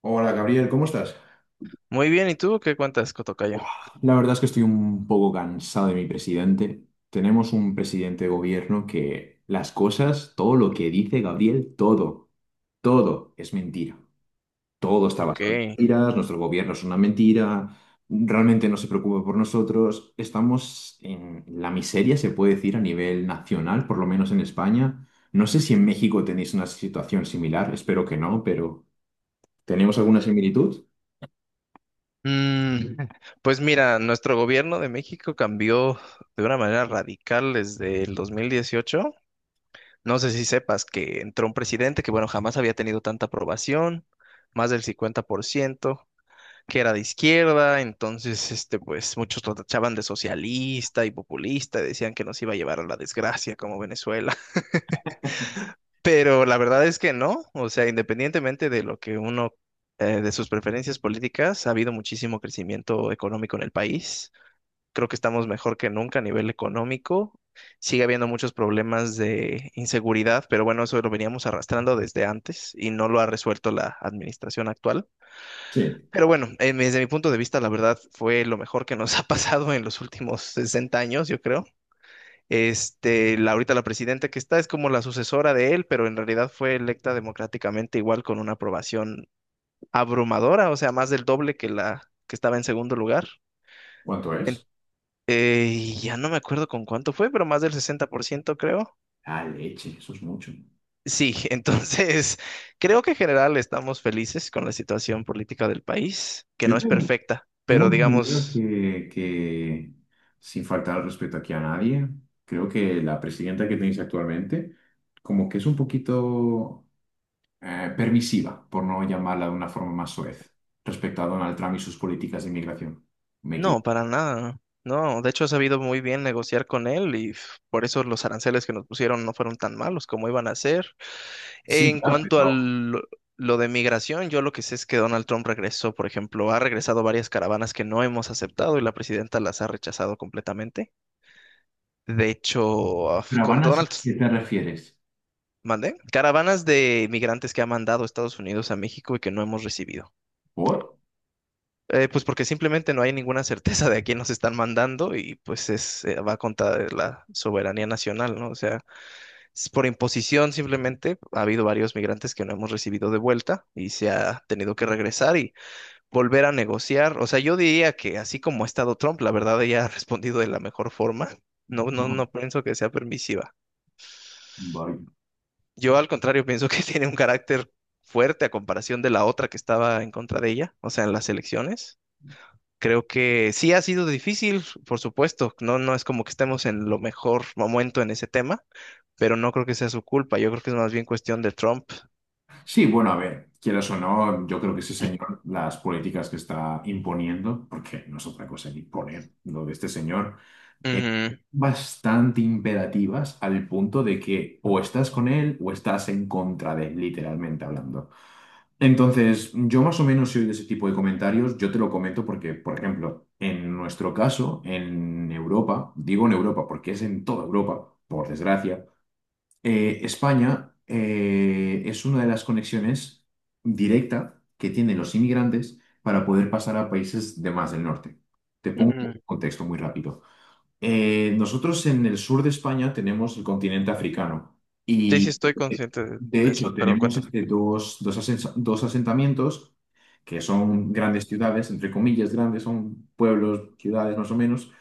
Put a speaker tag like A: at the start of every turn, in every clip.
A: Hola Gabriel, ¿cómo estás?
B: Muy bien, ¿y tú qué cuentas, Cotocayo?
A: La verdad es que estoy un poco cansado de mi presidente. Tenemos un presidente de gobierno que las cosas, todo lo que dice Gabriel, todo, todo es mentira. Todo está
B: Ok.
A: basado en mentiras, nuestro gobierno es una mentira, realmente no se preocupa por nosotros. Estamos en la miseria, se puede decir, a nivel nacional, por lo menos en España. No sé si en México tenéis una situación similar, espero que no, pero ¿tenemos alguna similitud?
B: Mm, pues mira, nuestro gobierno de México cambió de una manera radical desde el 2018. No sé si sepas que entró un presidente que, bueno, jamás había tenido tanta aprobación, más del 50%, que era de izquierda, entonces, pues muchos lo tachaban de socialista y populista, decían que nos iba a llevar a la desgracia como Venezuela. Pero la verdad es que no, o sea, independientemente de lo que uno, de sus preferencias políticas, ha habido muchísimo crecimiento económico en el país. Creo que estamos mejor que nunca a nivel económico. Sigue habiendo muchos problemas de inseguridad, pero bueno, eso lo veníamos arrastrando desde antes y no lo ha resuelto la administración actual.
A: Sí.
B: Pero bueno, desde mi punto de vista, la verdad fue lo mejor que nos ha pasado en los últimos 60 años, yo creo. Ahorita la presidenta que está es como la sucesora de él, pero en realidad fue electa democráticamente igual con una aprobación abrumadora, o sea, más del doble que la que estaba en segundo lugar.
A: ¿Cuánto
B: En-
A: es?
B: y ya no me acuerdo con cuánto fue, pero más del 60% creo.
A: Ah, leche, eso es mucho.
B: Sí, entonces creo que en general estamos felices con la situación política del país, que no
A: Yo
B: es
A: tengo,
B: perfecta, pero
A: tengo entendido
B: digamos...
A: que, sin faltar al respeto aquí a nadie, creo que la presidenta que tenéis actualmente, como que es un poquito permisiva, por no llamarla de una forma más soez, respecto a Donald Trump y sus políticas de inmigración. Me
B: No,
A: equivoco.
B: para nada. No, de hecho he sabido muy bien negociar con él y pf, por eso los aranceles que nos pusieron no fueron tan malos como iban a ser.
A: Sí,
B: En
A: claro,
B: cuanto a lo de migración, yo lo que sé es que Donald Trump regresó, por ejemplo, ha regresado varias caravanas que no hemos aceptado y la presidenta las ha rechazado completamente. De hecho,
A: pero
B: con
A: van a
B: Donald,
A: ¿qué te refieres?
B: mandé caravanas de migrantes que ha mandado Estados Unidos a México y que no hemos recibido.
A: ¿Por?
B: Pues porque simplemente no hay ninguna certeza de a quién nos están mandando y pues es, va contra de la soberanía nacional, ¿no? O sea, es por imposición simplemente ha habido varios migrantes que no hemos recibido de vuelta y se ha tenido que regresar y volver a negociar. O sea, yo diría que así como ha estado Trump, la verdad ella ha respondido de la mejor forma. No, no,
A: No.
B: no pienso que sea permisiva.
A: Vaya.
B: Yo al contrario pienso que tiene un carácter fuerte a comparación de la otra que estaba en contra de ella, o sea, en las elecciones. Creo que sí ha sido difícil, por supuesto. No, no es como que estemos en lo mejor momento en ese tema, pero no creo que sea su culpa. Yo creo que es más bien cuestión de Trump.
A: Sí, bueno, a ver, quieras o no, yo creo que ese señor, las políticas que está imponiendo, porque no es otra cosa que imponer lo de este señor, es
B: Ujú,
A: bastante imperativas al punto de que o estás con él o estás en contra de él, literalmente hablando. Entonces, yo más o menos soy de ese tipo de comentarios, yo te lo comento porque, por ejemplo, en nuestro caso, en Europa, digo en Europa porque es en toda Europa, por desgracia, España es una de las conexiones directa que tienen los inmigrantes para poder pasar a países de más del norte. Te pongo
B: ujú.
A: un contexto muy rápido. Nosotros en el sur de España tenemos el continente africano
B: Sí, sí,
A: y
B: estoy
A: eh,
B: consciente de
A: de
B: de eso,
A: hecho
B: pero
A: tenemos
B: cuéntame.
A: este, dos asentamientos que son grandes ciudades, entre comillas grandes, son pueblos, ciudades más o menos,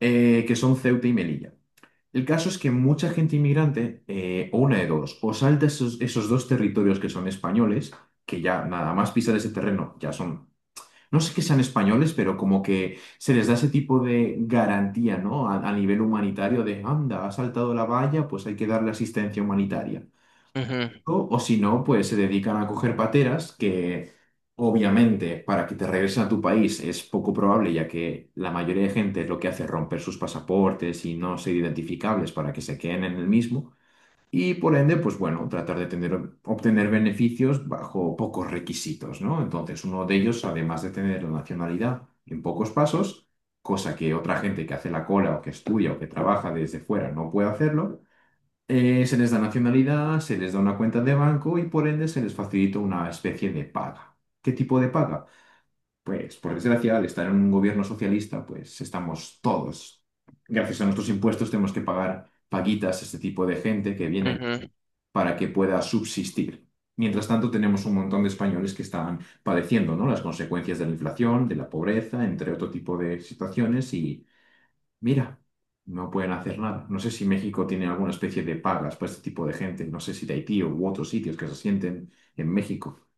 A: que son Ceuta y Melilla. El caso es que mucha gente inmigrante, o una de dos, o salta esos dos territorios que son españoles, que ya nada más pisar ese terreno, ya son, no sé que sean españoles, pero como que se les da ese tipo de garantía, ¿no? A nivel humanitario de, anda, ha saltado la valla, pues hay que darle asistencia humanitaria
B: Ujú,
A: o si no, pues se dedican a coger pateras que obviamente para que te regresen a tu país es poco probable, ya que la mayoría de gente lo que hace es romper sus pasaportes y no ser identificables para que se queden en el mismo. Y por ende, pues bueno, obtener beneficios bajo pocos requisitos, ¿no? Entonces, uno de ellos, además de tener la nacionalidad en pocos pasos, cosa que otra gente que hace la cola o que estudia o que trabaja desde fuera no puede hacerlo, se les da nacionalidad, se les da una cuenta de banco y por ende se les facilita una especie de paga. ¿Qué tipo de paga? Pues por desgracia, al estar en un gobierno socialista, pues estamos todos, gracias a nuestros impuestos, tenemos que pagar paguitas a este tipo de gente que viene
B: ujú.
A: para que pueda subsistir. Mientras tanto, tenemos un montón de españoles que están padeciendo, ¿no?, las consecuencias de la inflación, de la pobreza, entre otro tipo de situaciones. Mira, no pueden hacer nada. No sé si México tiene alguna especie de pagas para este tipo de gente. No sé si de Haití u otros sitios que se sienten en México.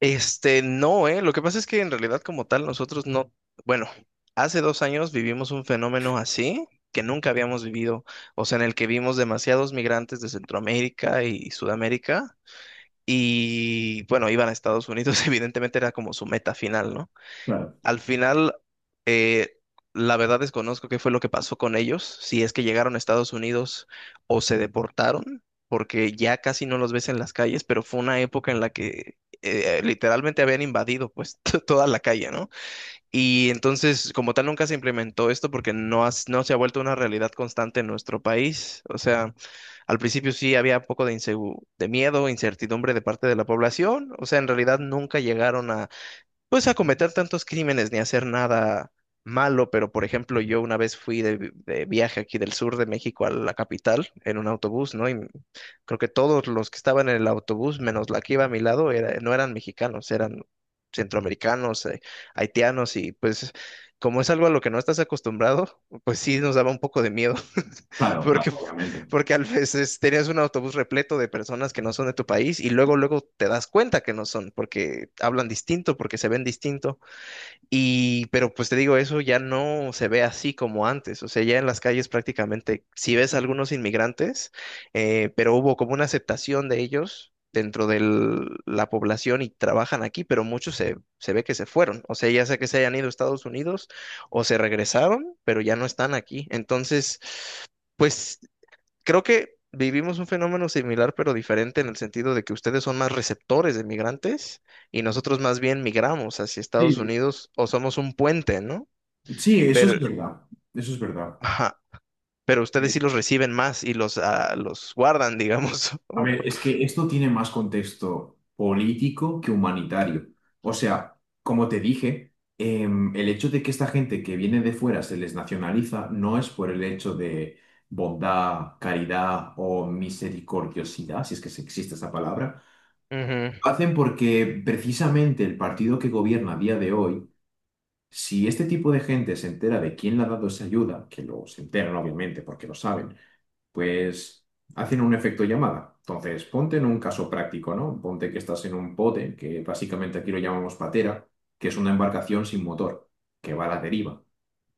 B: No, Lo que pasa es que en realidad como tal nosotros no, bueno, hace 2 años vivimos un fenómeno así que nunca habíamos vivido, o sea, en el que vimos demasiados migrantes de Centroamérica y Sudamérica. Y bueno, iban a Estados Unidos, evidentemente era como su meta final, ¿no?
A: Claro,
B: Al final, eh, la verdad desconozco qué fue lo que pasó con ellos, si es que llegaron a Estados Unidos o se deportaron, porque ya casi no los ves en las calles, pero fue una época en la que literalmente habían invadido pues toda la calle, ¿no? Y entonces, como tal, nunca se implementó esto porque no, no se ha vuelto una realidad constante en nuestro país. O sea... Al principio sí había un poco de miedo, incertidumbre de parte de la población. O sea, en realidad nunca llegaron a, pues, a cometer tantos crímenes ni a hacer nada malo. Pero, por ejemplo, yo una vez fui de viaje aquí del sur de México a la capital en un autobús, ¿no? Y creo que todos los que estaban en el autobús, menos la que iba a mi lado, no eran mexicanos, eran centroamericanos, haitianos. Y pues, como es algo a lo que no estás acostumbrado, pues sí nos daba un poco de miedo.
A: claro, claro,
B: Porque,
A: obviamente.
B: porque a veces tenías un autobús repleto de personas que no son de tu país y luego te das cuenta que no son, porque hablan distinto, porque se ven distinto. Y, pero pues te digo, eso ya no se ve así como antes. O sea, ya en las calles prácticamente si ves algunos inmigrantes, pero hubo como una aceptación de ellos dentro de la población y trabajan aquí, pero muchos se ve que se fueron. O sea, ya sea que se hayan ido a Estados Unidos o se regresaron, pero ya no están aquí. Entonces, pues creo que vivimos un fenómeno similar pero diferente en el sentido de que ustedes son más receptores de migrantes y nosotros más bien migramos hacia Estados
A: Sí,
B: Unidos o somos un puente, ¿no?
A: sí, eso es
B: Pero,
A: verdad. Eso es verdad.
B: ajá, pero ustedes sí los reciben más y los, ah, los guardan, digamos.
A: A
B: o-
A: ver, es que esto tiene más contexto político que humanitario. O sea, como te dije, el hecho de que esta gente que viene de fuera se les nacionaliza no es por el hecho de bondad, caridad o misericordiosidad, si es que existe esa palabra.
B: Ujú,
A: Hacen porque precisamente el partido que gobierna a día de hoy, si este tipo de gente se entera de quién le ha dado esa ayuda, que lo se enteran obviamente porque lo saben, pues hacen un efecto llamada. Entonces, ponte en un caso práctico, ¿no? Ponte que estás en un bote, que básicamente aquí lo llamamos patera, que es una embarcación sin motor, que va a la deriva.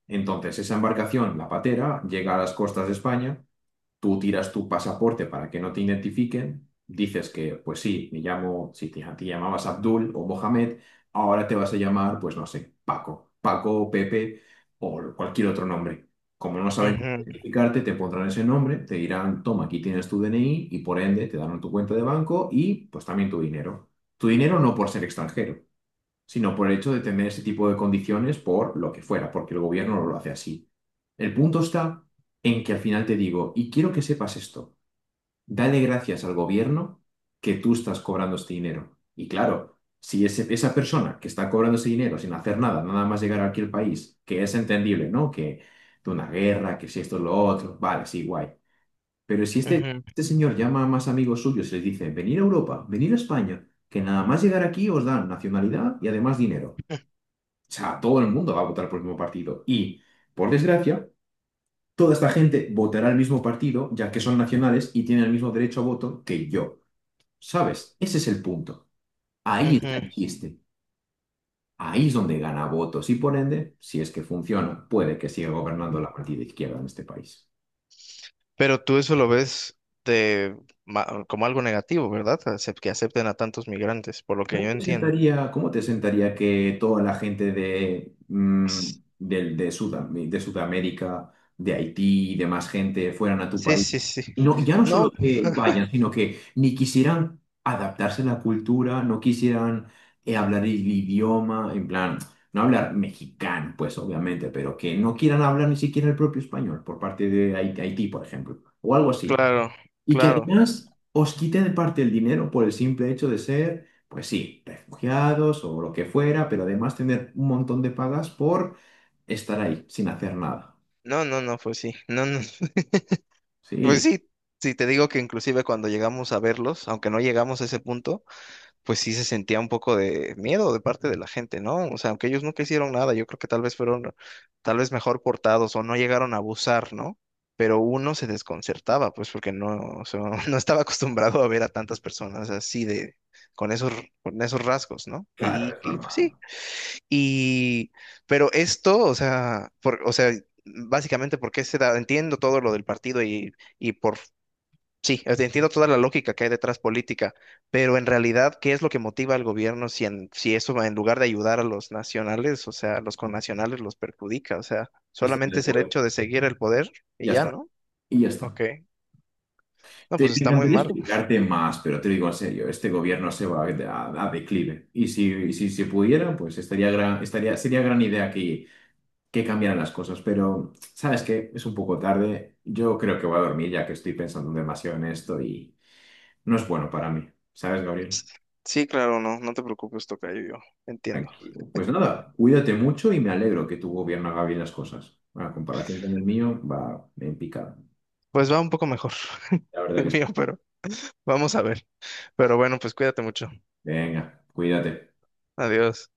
A: Entonces, esa embarcación, la patera, llega a las costas de España. Tú tiras tu pasaporte para que no te identifiquen, dices que, pues sí, me llamo, si te, te llamabas Abdul o Mohamed, ahora te vas a llamar, pues no sé, Paco, Paco, Pepe o cualquier otro nombre. Como no saben cómo
B: ujú,
A: identificarte, te pondrán ese nombre, te dirán, toma, aquí tienes tu DNI y por ende te darán tu cuenta de banco y pues también tu dinero. Tu dinero no por ser extranjero, sino por el hecho de tener ese tipo de condiciones por lo que fuera, porque el gobierno no lo hace así. El punto está en que al final te digo, y quiero que sepas esto, dale gracias al gobierno que tú estás cobrando este dinero. Y claro, si esa persona que está cobrando ese dinero sin hacer nada, nada más llegar aquí al país, que es entendible, ¿no? Que de una guerra, que si esto es lo otro, vale, sí, guay. Pero si
B: ujú,
A: este señor llama a más amigos suyos y les dice, venir a Europa, venir a España, que nada más llegar aquí os dan nacionalidad y además dinero. O sea, todo el mundo va a votar por el mismo partido. Y, por desgracia, toda esta gente votará el mismo partido, ya que son nacionales y tienen el mismo derecho a voto que yo. ¿Sabes? Ese es el punto. Ahí está
B: ujú.
A: el chiste. Ahí es donde gana votos y, por ende, si es que funciona, puede que siga gobernando la partida izquierda en este país.
B: Pero tú eso lo ves de, como algo negativo, ¿verdad? Acep- Que acepten a tantos migrantes, por lo que yo entiendo.
A: ¿Cómo te sentaría que toda la gente de,
B: S-
A: de Sudam- de Sudamérica, de Haití y demás gente fueran a tu
B: Sí,
A: país?
B: sí, sí.
A: Y no, ya no solo
B: No,
A: que vayan, sino que ni quisieran adaptarse a la cultura, no quisieran hablar el idioma, en plan, no hablar mexicano, pues obviamente, pero que no quieran hablar ni siquiera el propio español por parte de Haití, por ejemplo, o algo así.
B: claro,
A: Y que
B: claro.
A: además os quite de parte el dinero por el simple hecho de ser, pues sí, refugiados o lo que fuera, pero además tener un montón de pagas por estar ahí sin hacer nada.
B: No, no, no, pues sí, no, no, pues
A: Sí,
B: sí, sí te digo que inclusive cuando llegamos a verlos, aunque no llegamos a ese punto, pues sí se sentía un poco de miedo de parte de la gente, ¿no? O sea, aunque ellos nunca hicieron nada, yo creo que tal vez fueron, tal vez mejor portados o no llegaron a abusar, ¿no? Pero uno se desconcertaba, pues porque no, o sea, no estaba acostumbrado a ver a tantas personas así con esos, con esos rasgos, ¿no?
A: claro,
B: Y,
A: es
B: y pues
A: normal.
B: sí, y, pero esto, o sea, por, o sea, básicamente porque se da, entiendo todo lo del partido y por, sí, o sea, entiendo toda la lógica que hay detrás política, pero en realidad, ¿qué es lo que motiva al gobierno si, en, si eso va en lugar de ayudar a los nacionales, o sea, a los connacionales los perjudica? O sea,
A: Este es
B: solamente
A: el
B: es el
A: poder.
B: hecho de seguir el poder y
A: Ya
B: ya,
A: está.
B: ¿no?
A: Y ya
B: Ok.
A: está.
B: No, pues
A: Me
B: está muy
A: encantaría
B: malo.
A: explicarte más, pero te digo en serio, este gobierno se va a declive. Y si se pudiera, pues estaría gran, estaría, sería gran idea que cambiaran las cosas, pero sabes que es un poco tarde. Yo creo que voy a dormir ya que estoy pensando demasiado en esto y no es bueno para mí. ¿Sabes, Gabriel?
B: Sí, claro, no, no te preocupes, tocayo, yo entiendo.
A: Tranquilo. Pues nada, cuídate mucho y me alegro que tu gobierno haga bien las cosas. A comparación con el mío, va en picado.
B: Pues va un poco mejor
A: La verdad
B: el
A: que sí.
B: mío, pero vamos a ver. Pero bueno, pues cuídate mucho.
A: Venga, cuídate.
B: Adiós.